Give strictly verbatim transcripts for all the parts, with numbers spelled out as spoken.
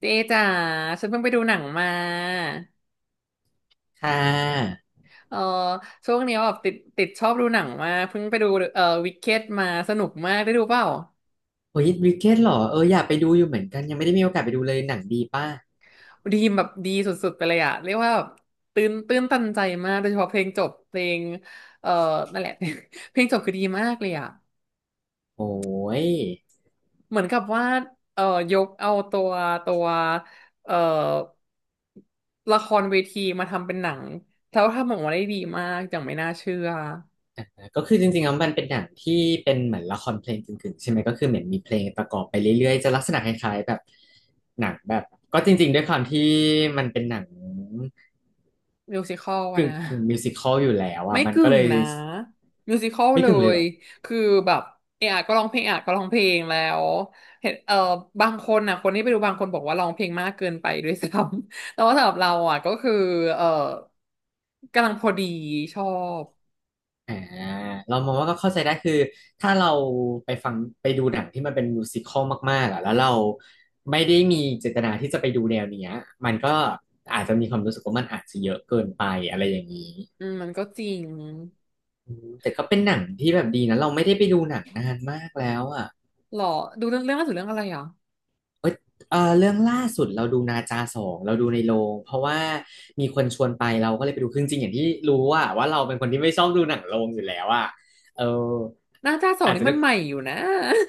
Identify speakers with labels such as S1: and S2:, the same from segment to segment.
S1: เจ๊จ๋าฉันเพิ่งไปดูหนังมา
S2: ค่ะ
S1: เออช่วงนี้แบบติดติดชอบดูหนังมากเพิ่งไปดูเอ่อวิกเก็ตมาสนุกมากได้ดูเปล่า
S2: โอ้ยวิกเก็ตหรอเอออยากไปดูอยู่เหมือนกันยังไม่ได้มีโอกาสไปดูเลยหนังดีป่ะ
S1: ดีมแบบดีสุดๆไปเลยอะเรียกว่าแบบตื่นตื่นตันใจมากโดยเฉพาะเพลงจบเพลงเอ่อนั่นแหละ เพลงจบคือดีมากเลยอะ
S2: โอ้ย
S1: เหมือนกับว่าเอ่อยกเอาตัวตัวเอ่อละครเวทีมาทำเป็นหนังแล้วทำออกมาได้ดีมากอย่างไม่น่าเชื่อ
S2: ก็คือจริงๆแล้วมันเป็นหนังที่เป็นเหมือนละครเพลงกึ่งๆใช่ไหมก็คือเหมือนมีเพลงประกอบไปเรื่อยๆจะลักษณะคล้ายๆแบบหนังแบบก็จริงๆด้วยความที่มันเป็นหนัง
S1: มิวสิคอลนะ
S2: กึ่งๆมิวสิคอลอยู่แล้วอ่ะ
S1: ไม่
S2: มัน
S1: กึ่
S2: ก็
S1: ง
S2: เลย
S1: นะมิวสิค l ล
S2: ไม่
S1: เล
S2: กึ่งเลยเห
S1: ย
S2: รอ
S1: คือแบบเอะอะก็ร้องเพลงเอะอะก็ร้องเพลงแล้วเห็นเออบางคนนะคนที่ไปดูบางคนบอกว่าร้องเพลงมากเกินไปด้วยซ้ำ แต่ว่าสำหรับเราอ่ะก็คือเออกำลังพอดีชอบ
S2: อ่าเรามองว่าก็เข้าใจได้คือถ้าเราไปฟังไปดูหนังที่มันเป็นมิวสิคอลมากๆอ่ะแล้วเราไม่ได้มีเจตนาที่จะไปดูแนวเนี้ยมันก็อาจจะมีความรู้สึกว่ามันอาจจะเยอะเกินไปอะไรอย่างนี้
S1: อืมมันก็จริง
S2: อืมแต่ก็เป็นหนังที่แบบดีนะเราไม่ได้ไปดูหนังนานมากแล้วอ่ะ
S1: หรอดูเรื่องเรื่องล่าสุดเรื่องอะไรอ่ะ
S2: เอ้ยเออเรื่องล่าสุดเราดูนาจาสองเราดูในโรงเพราะว่ามีคนชวนไปเราก็เลยไปดูคือจริงๆอย่างที่รู้ว่าว่าเราเป็นคนที่ไม่ชอบดูหนังโรงอยู่แล้วอ่ะเออ
S1: หน้าจ้าสอง
S2: อาจ
S1: นี่
S2: จะ
S1: มันใหม่อยู่นะ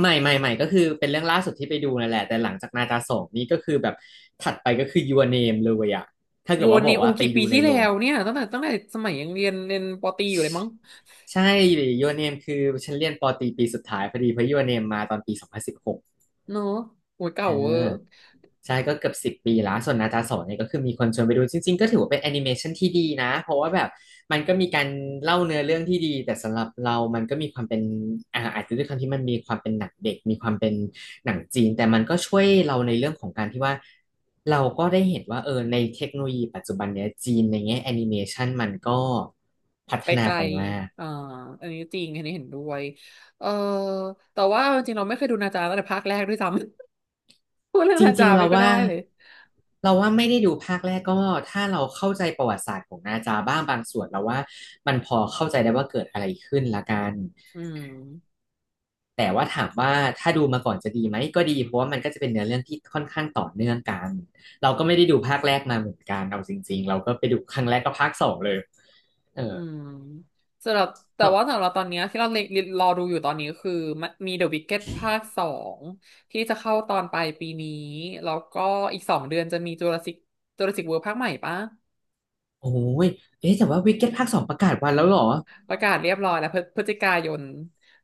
S2: ไม่ไม่ไม่ก็คือเป็นเรื่องล่าสุดที่ไปดูนั่นแหละแต่หลังจากนาจาสองนี่ก็คือแบบถัดไปก็คือ Your Name เลยอะถ้า
S1: โย
S2: เกิดว่า
S1: น
S2: บ
S1: ใน
S2: อก
S1: อู
S2: ว่าไป
S1: กี่ปี
S2: ดูใน
S1: ที่
S2: โร
S1: แล้
S2: ง
S1: วเนี่ยตั้งแต่ตั้งแต่สมัยยังเรียนเรียนปอตรีอยู่เลยมั้ง
S2: ใช่ Your Name คือฉันเรียนปอตรีปีสุดท้ายพอดีเพราะ Your Name มาตอนปีสองพันสิบหก
S1: เนอะโอ้ยเก่า
S2: อ่า
S1: เวอร์
S2: ใช่ก็เกือบสิบปีแล้วส่วนนาจาโสเนี่ยก็คือมีคนชวนไปดูจริงๆก็ถือว่าเป็นแอนิเมชันที่ดีนะเพราะว่าแบบมันก็มีการเล่าเนื้อเรื่องที่ดีแต่สำหรับเรามันก็มีความเป็นอ่าอาจจะด้วยความที่มันมีความเป็นหนังเด็กมีความเป็นหนังจีนแต่มันก็ช่วยเราในเรื่องของการที่ว่าเราก็ได้เห็นว่าเออในเทคโนโลยีปัจจุบันเนี้ยจีนในแง่แอนิเมชันมันก็พัฒ
S1: ไป
S2: นา
S1: ไกล
S2: ไปมาก
S1: อ่าอันนี้จริงอันนี้เห็นด้วยเออแต่ว่าจริงๆเราไม่เคยดูนาจาตั้งแต่ภาคแรกด้วยซ้ำ พูดเรื่อ
S2: จ
S1: ง
S2: ร
S1: นา
S2: ิ
S1: จา
S2: งๆ
S1: ไม่
S2: เรา
S1: ค่อย
S2: ว่า
S1: ได้เลย
S2: เราว่าไม่ได้ดูภาคแรกก็ถ้าเราเข้าใจประวัติศาสตร์ของนาจาบ้างบางส่วนเราว่ามันพอเข้าใจได้ว่าเกิดอะไรขึ้นละกัน
S1: อืม
S2: แต่ว่าถามว่าถ้าดูมาก่อนจะดีไหมก็ดีเพราะว่ามันก็จะเป็นเนื้อเรื่องที่ค่อนข้างต่อเนื่องกันเราก็ไม่ได้ดูภาคแรกมาเหมือนกันเอาจริงๆเราก็ไปดูครั้งแรกก็ภาคสองเลยเอ
S1: อื
S2: อ
S1: มสำหรับแต่
S2: ครั
S1: ว่า
S2: บ
S1: สำหรับตอนเนี้ยที่เราเล็งรอดูอยู่ตอนนี้คือมันมี The Wicked ภาคสองที่จะเข้าตอนปลายปีนี้แล้วก็อีกสองเดือนจะมี Jurassic Jurassic World ภาคใหม่ปะ
S2: โอ้ยเอ๊ะแต่ว่าวิกเก็ตภาคสองประกาศวันแล้วเหรอ
S1: ประกาศเรียบร้อยแล้วพฤพฤศจิกายน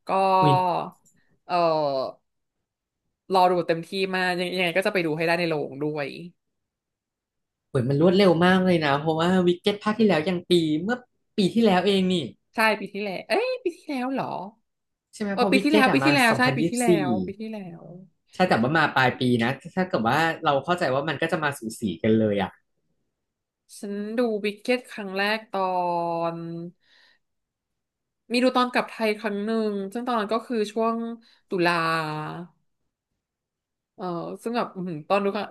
S1: ก็
S2: อุ้ย
S1: เออรอดูเต็มที่มากยังยังไงก็จะไปดูให้ได้ในโรงด้วย
S2: เหมือนมันรวดเร็วมากเลยนะเพราะว่าวิกเก็ตภาคที่แล้วยังปีเมื่อปีที่แล้วเองนี่
S1: ใช่ปีที่แล้ว เอ้ยปีที่แล้วเหรอ
S2: ใช่ไหม
S1: เอ
S2: เพ
S1: อ
S2: ราะ
S1: ปี
S2: วิก
S1: ที่
S2: เก็
S1: แล้
S2: ต
S1: ว
S2: อะ
S1: ปี
S2: มา
S1: ที่แล้ว
S2: สอง
S1: ใช่
S2: พัน
S1: ปี
S2: ยี่สิ
S1: ที่
S2: บ
S1: แล้
S2: สี่
S1: วปีที่แล้ว
S2: ใช่แต่ว่ามาปลายปีนะถ้าเกิดว่าเราเข้าใจว่ามันก็จะมาสูสีกันเลยอ่ะ
S1: ฉันดูวิกเก็ตครั้งแรกตอนมีดูตอนกลับไทยครั้งหนึ่งซึ่งตอนนั้นก็คือช่วงตุลาเออซึ่งแบบอื้อหือตอนดูครั้ง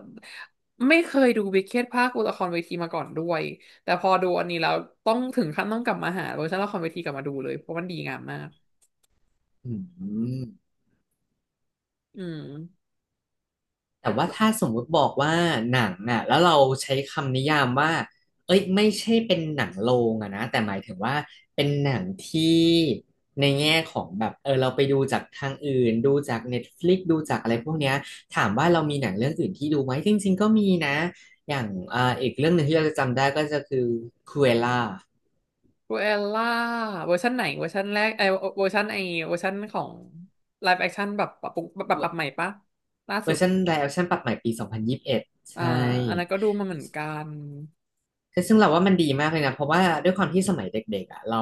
S1: ไม่เคยดูวิกเก็ตภาคละครเวทีมาก่อนด้วยแต่พอดูอันนี้แล้วต้องถึงขั้นต้องกลับมาหาเวอร์ชันละครเวทีกลับมาดูเลยเพราะมันดีงามมาก
S2: อืม
S1: อืม
S2: แต่ว่าถ้าสมมุติบอกว่าหนังอ่ะแล้วเราใช้คำนิยามว่าเอ้ยไม่ใช่เป็นหนังโรงอะนะแต่หมายถึงว่าเป็นหนังที่ในแง่ของแบบเออเราไปดูจากทางอื่นดูจาก Netflix ดูจากอะไรพวกเนี้ยถามว่าเรามีหนังเรื่องอื่นที่ดูไหมจริงๆก็มีนะอย่างอ่าอีกเรื่องหนึ่งที่เราจะจำได้ก็จะคือคูเอล่า
S1: ครูเอลล่าเวอร์ชันไหนเวอร์ชันแรกไอเวอร์ชันไอเวอร์ชันของไลฟ์แอคชั่นแบบปรับปรุงปรับปรับให
S2: เ
S1: ม่ปะล่า
S2: ว
S1: สุ
S2: อ
S1: ด
S2: ร์ชันไลฟ์แอคชั่นปรับใหม่ปีสองพันยี่สิบเอ็ด
S1: อ่า
S2: ใช่
S1: อันนั้นก็ดูมาเหมือนกัน
S2: ซึ่งเราว่ามันดีมากเลยนะเพราะว่าด้วยความที่สมัยเด็กๆอ่ะเรา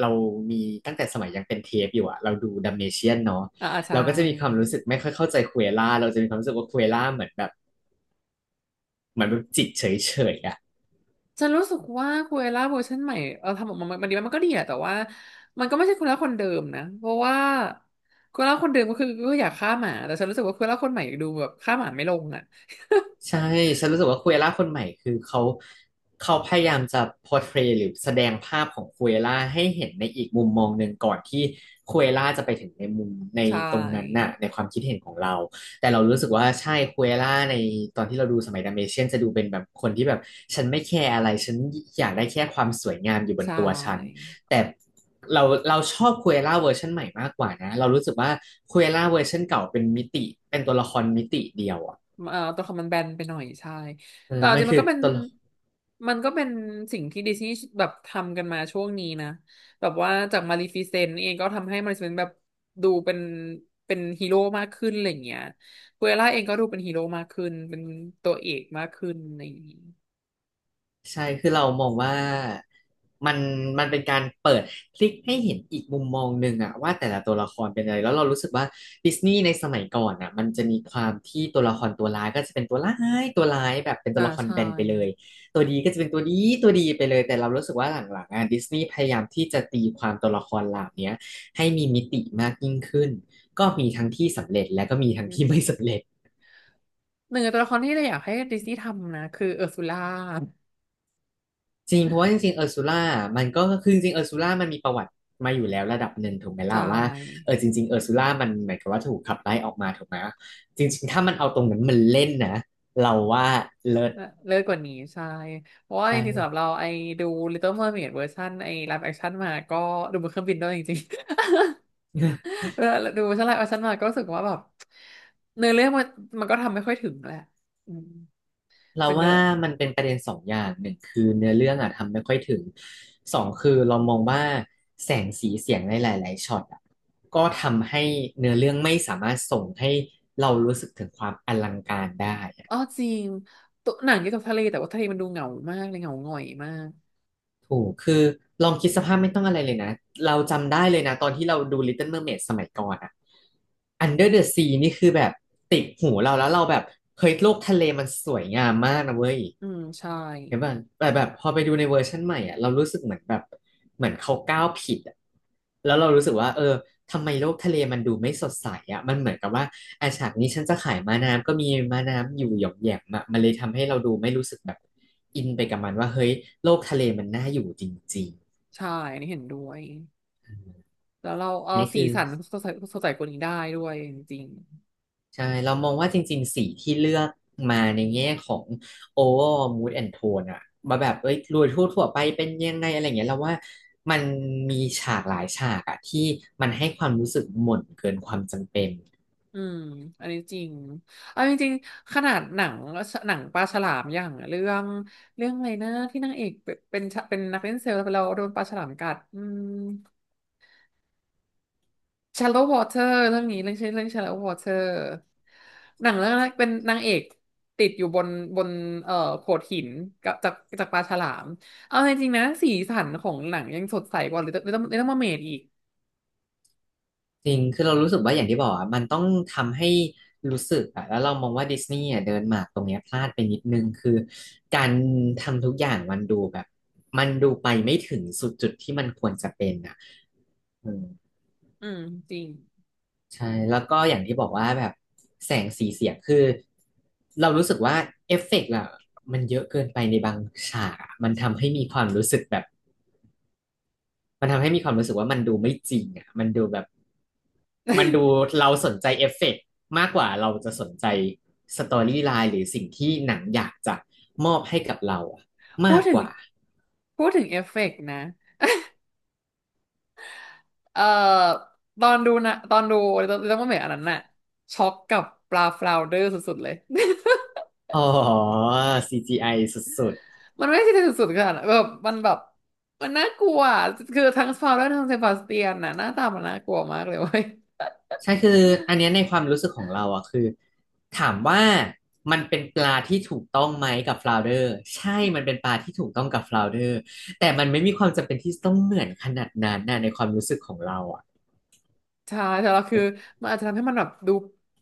S2: เรามีตั้งแต่สมัยยังเป็นเทปอยู่อ่ะเราดูดัมเมเชียนเนาะ
S1: อ่าอ่าใช่
S2: เราก็จะมีความรู้สึกไม่ค่อยเข้าใจคุเอล่าเราจะมีความรู้สึกว่าคุเอล่าเหมือนแบบเหมือนแบบจิตเฉยๆอ่ะ
S1: ฉันรู้สึกว่าคูเอล่าเวอร์ชันใหม่เออทำออกมามันดีมันก็ดีอะแต่ว่ามันก็ไม่ใช่คูเอล่าคนเดิมนะเพราะว่าคูเอล่าคนเดิมก็คือก็อยากฆ่าหมาแต่ฉันรู้สึกว่าคูเอล่าคนใหม่ดูแบบฆ่าหมาไม่ลงอะ
S2: ใช่ฉันรู้สึกว่าคุเอล่าคนใหม่คือเขาเขาพยายามจะ portray หรือแสดงภาพของคุเอล่าให้เห็นในอีกมุมมองหนึ่งก่อนที่คุเอล่าจะไปถึงในมุมใน
S1: ใช
S2: ตรงนั้น
S1: ่
S2: น่ะในความคิดเห็นของเราแต่เรารู้สึกว่าใช่คุเอล่าในตอนที่เราดูสมัยดัมเมเชียนจะดูเป็นแบบคนที่แบบฉันไม่แคร์อะไรฉันอยากได้แค่ความสวยงามอยู่บน
S1: ใช่
S2: ตัวฉันแต่เราเราชอบคุเอล่าเวอร์ชันใหม่มากกว่านะเรารู้สึกว่าคุเอล่าเวอร์ชันเก่าเป็นมิติเป็นตัวละครมิติเดียวอะ
S1: เอ่อตัวคำมันแบนไปหน่อยใช่
S2: เออ
S1: แต่เอา
S2: มั
S1: จ
S2: น
S1: ริงมั
S2: คื
S1: น
S2: อ
S1: ก็เป็น
S2: ตลก
S1: มันก็เป็นสิ่งที่ดิสนีย์แบบทำกันมาช่วงนี้นะแบบว่าจากมาลีฟิเซนต์เองก็ทำให้มาลีฟิเซนต์แบบดูเป็นเป็นฮีโร่มากขึ้นอะไรอย่างเงี้ยคุเอล่าเองก็ดูเป็นฮีโร่มากขึ้นเป็นตัวเอกมากขึ้นในี้
S2: ใช่คือเรามองว่ามันมันเป็นการเปิดพลิกให้เห็นอีกมุมมองหนึ่งอะว่าแต่ละตัวละครเป็นอะไรแล้วเรารู้สึกว่าดิสนีย์ในสมัยก่อนอะมันจะมีความที่ตัวละครตัวร้ายก็จะเป็นตัวร้ายตัวร้ายแบบเป็นตั
S1: อ่า
S2: วละคร
S1: ใช่
S2: แบนไปเลยตัวดีก็จะเป็นตัวดีตัวดีไปเลยแต่เรารู้สึกว่าหลังๆอะดิสนีย์พยายามที่จะตีความตัวละครเหล่าเนี้ยให้มีมิติมากยิ่งขึ้นก็มีทั้งที่สำเร็จและก็มีทั้งที่ไม่สำเร็จ
S1: หนึ่งในตัวละครที่เราอยากให้ดิสนีย์ทำนะคือเออร์ซูล่า
S2: จริงเพราะว่าจริงๆเออร์ซูล่ามันก็คือจริงๆเออร์ซูล่ามันมีประวัติมาอยู่แล้วระดับหนึ่งถูกไหม
S1: ใช
S2: ล่ะว่าเอ
S1: ่
S2: อจริงๆเออร์ซูล่ามันหมายความว่าถูกขับไล่ออกมาถูกไหมจริงๆถ้ามันเอาตรงนั้นมันเล่นนะเราว่าเลิศ
S1: เลิเลิศกว่านี้ใช่เพราะว่า
S2: ใ
S1: จริงๆสำหรับ
S2: ช่
S1: เราไอ้ดู Little Mermaid เวอร์ชันไอ้ live action มาก็ดูบนเครื่องบินด้วยจริงๆ ดูดูเวอร์ชัน live action มาก็รู้สึกว่าแบบเนื้อเรื่องมันมันก็ทำไม่ค่อยถึงแหละอืม
S2: เรา
S1: เป็นเนื้อ
S2: ว่ามันเป็นประเด็นสองอย่างหนึ่งคือเนื้อเรื่องอะทำไม่ค่อยถึงสองคือเรามองว่าแสงสีเสียงในหลายๆช็อตอะก็ทำให้เนื้อเรื่องไม่สามารถส่งให้เรารู้สึกถึงความอลังการได้
S1: อ๋อจริงตัวหนังเกี่ยวกับทะเลแต่ว่าทะเลมันดูเหงามากเลยเหงาหงอยมาก
S2: ถูกคือลองคิดสภาพไม่ต้องอะไรเลยนะเราจำได้เลยนะตอนที่เราดู Little Mermaid สมัยก่อนอะ Under the Sea นี่คือแบบติดหูเราแล้วเราแบบเฮ้ยโลกทะเลมันสวยงามมากนะเว้ย
S1: อืมใช่
S2: เห็นป่ะแต่แบบพอไปดูในเวอร์ชันใหม่อะเรารู้สึกเหมือนแบบเหมือนเขาก้าวผิดอะแล้วเรารู้สึกว่าเออ ทำไมโลกทะเลมันดูไม่สดใสอ่ะมันเหมือนกับว่าอาฉากนี้ฉันจะขายม้าน้ำก็มีม้าน้ำอยู่หย่อมแหย่มอะมันเลยทำให้เราดูไม่รู้สึกแบบอินไปกับมันว่าเฮ้ยโลกทะเลมันน่าอยู่จริง
S1: ใช่อันนี้เห็นด้วยแล้วเรา
S2: ๆอั
S1: เอา
S2: นนี้
S1: สี
S2: คือ
S1: สันสดใสสดใสกว่านี้ได้ด้วยจริง
S2: ใช่เรามองว่าจริงๆสีที่เลือกมาในแง่ของ overall mood and tone อะมาแบบเอ้ยโดยทั่วๆไปเป็นยังไงอะไรอย่างเงี้ยเราว่ามันมีฉากหลายฉากอะที่มันให้ความรู้สึกหม่นเกินความจำเป็น
S1: อืมอันนี้จริงเอาจริงๆขนาดหนังหนังปลาฉลามอย่างเรื่องเรื่องอะไรนะที่นางเอกเป็นเป็นเป็นนักเล่นเซลล์แล้วโดนปลาฉลามกัดอืม Shallow Water เรื่องนี้เรื่องชื่อเรื่อง Shallow Water หนังเรื่องนั้นเป็นนางเอกติดอยู่บนบนเอ่อโขดหินกับจากจากปลาฉลามเอาจริงๆนะสีสันของหนังยังสดใสกว่าลิตเติ้ลลิตเติ้ลมาเมดอีก
S2: จริงคือเรารู้สึกว่าอย่างที่บอกอ่ะมันต้องทำให้รู้สึกอ่ะแล้วเรามองว่าดิสนีย์อ่ะเดินหมากตรงเนี้ยพลาดไปนิดนึงคือการทำทุกอย่างมันดูแบบมันดูไปไม่ถึงสุดจุดที่มันควรจะเป็นอ่ะอืม
S1: อืมจริง
S2: ใช่แล้วก็อย่างที่บอกว่าแบบแสงสีเสียงคือเรารู้สึกว่าเอฟเฟกต์อะมันเยอะเกินไปในบางฉากอะมันทำให้มีความรู้สึกแบบ มันทำให้มีความรู้สึกว่ามันดูไม่จริงอ่ะมันดูแบบมันดูเราสนใจเอฟเฟกต์มากกว่าเราจะสนใจสตอรี่ไลน์หรือสิ่งที่หนังอยากจะมอบให้กับเราอะ
S1: พู
S2: มา
S1: ด
S2: ก
S1: ถึ
S2: ก
S1: ง
S2: ว่า
S1: พูดถึงเอฟเฟกต์นะ เอ่อตอนดูนะตอนดูเรื่องว่าเหมือนอันนั้นน่ะช็อกกับปลาฟลาวเดอร์สุดๆเลย
S2: อ๋อ ซี จี ไอ สุด
S1: มันไม่ใช่สุดๆขนาดนั้นแบบมันแบบมันน่ากลัวอะคือทั้งฟลาวแลทั้งเซบาสเตียนน่ะหน้าตามันน่ากลัวมากเลยเว้ย
S2: ๆใช่คืออันเนี้ยในความรู้สึกของเราอะคือถามว่ามันเป็นปลาที่ถูกต้องไหมกับฟลาวเดอร์ใช่ มันเป็นปลาที่ถูกต้องกับฟลาวเดอร์แต่มันไม่มีความจำเป็นที่ต้องเหมือนขนาดนั้นนะในความรู้สึกของเราอะ
S1: ใช่แต่เราคือมันอาจจะทำให้มันแบบดู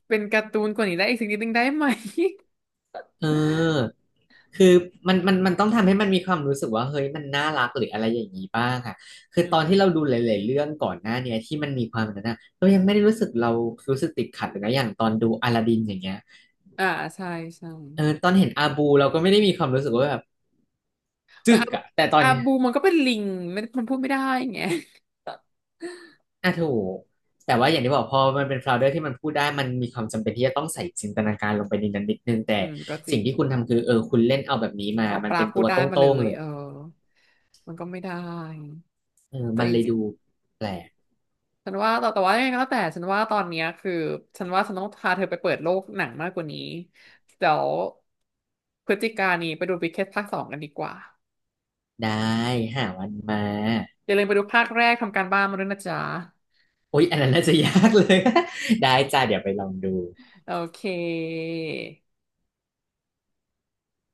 S1: เป็นการ์ตูนกว่านี้ได้อีกสักนิดนึงได้ไหม
S2: เออคือมันมันมันต้องทำให้มันมีความรู้สึกว่าเฮ้ยมันน่ารักหรืออะไรอย่างนี้บ้างอ่ะ คือ
S1: อื
S2: ตอน
S1: ม
S2: ที่เราดูหลายๆเรื่องก่อนหน้าเนี้ยที่มันมีความแบบนั้นอ่ะเรายังไม่ได้รู้สึกเรารู้สึกติดขัดเลยนะอย่างตอนดูอลาดินอย่างเงี้ย
S1: อ่าใช่ใช่
S2: เออตอนเห็นอาบูเราก็ไม่ได้มีความรู้สึกว่าแบบ
S1: แต่
S2: จึก
S1: อาบู
S2: อ่ะแต่ตอน
S1: อา
S2: เนี้ย
S1: บูมันก็เป็นลิงไม่มันพูดไม่ได้ไง
S2: อ่ะถูกแต่ว่าอย่างที่บอกพอมันเป็นฟลาวเดอร์ที่มันพูดได้มันมีความจำเป็นที่จะต้องใส่จินตนาการลงไปในนั้นนิดนึง แต่
S1: อืมก็จริ
S2: สิ่ง
S1: ง
S2: ที่คุณทำคือเออคุณเล่นเอาแบบนี้มา
S1: เอา
S2: มั
S1: ป
S2: น
S1: ลา
S2: เป็น
S1: พู
S2: ตั
S1: ด
S2: ว
S1: ได้
S2: โต
S1: มา
S2: ้
S1: เล
S2: งๆ
S1: ย
S2: เลย
S1: เออมันก็ไม่ได้
S2: เออ
S1: แต่
S2: มัน
S1: จ
S2: เลย
S1: ริง
S2: ดูแปลก
S1: ๆฉันว่าแต่แต่ว่ายังไงก็แล้วแต่ฉันว่าตอนเนี้ยคือฉันว่าฉันต้องพาเธอไปเปิดโลกหนังมากกว่านี้เดี๋ยวพฤศจิกายนนี้ไปดูวิกเก็ตภาคสองกันดีกว่า
S2: ได้หาวันมา
S1: อย่าลืมไปดูภาคแรกทำการบ้านมาด้วยนะจ๊ะ
S2: อุ๊ยอันนั้นน่าจะยากเลย ได้จ้าเดี๋ยวไปลองดู
S1: โอเค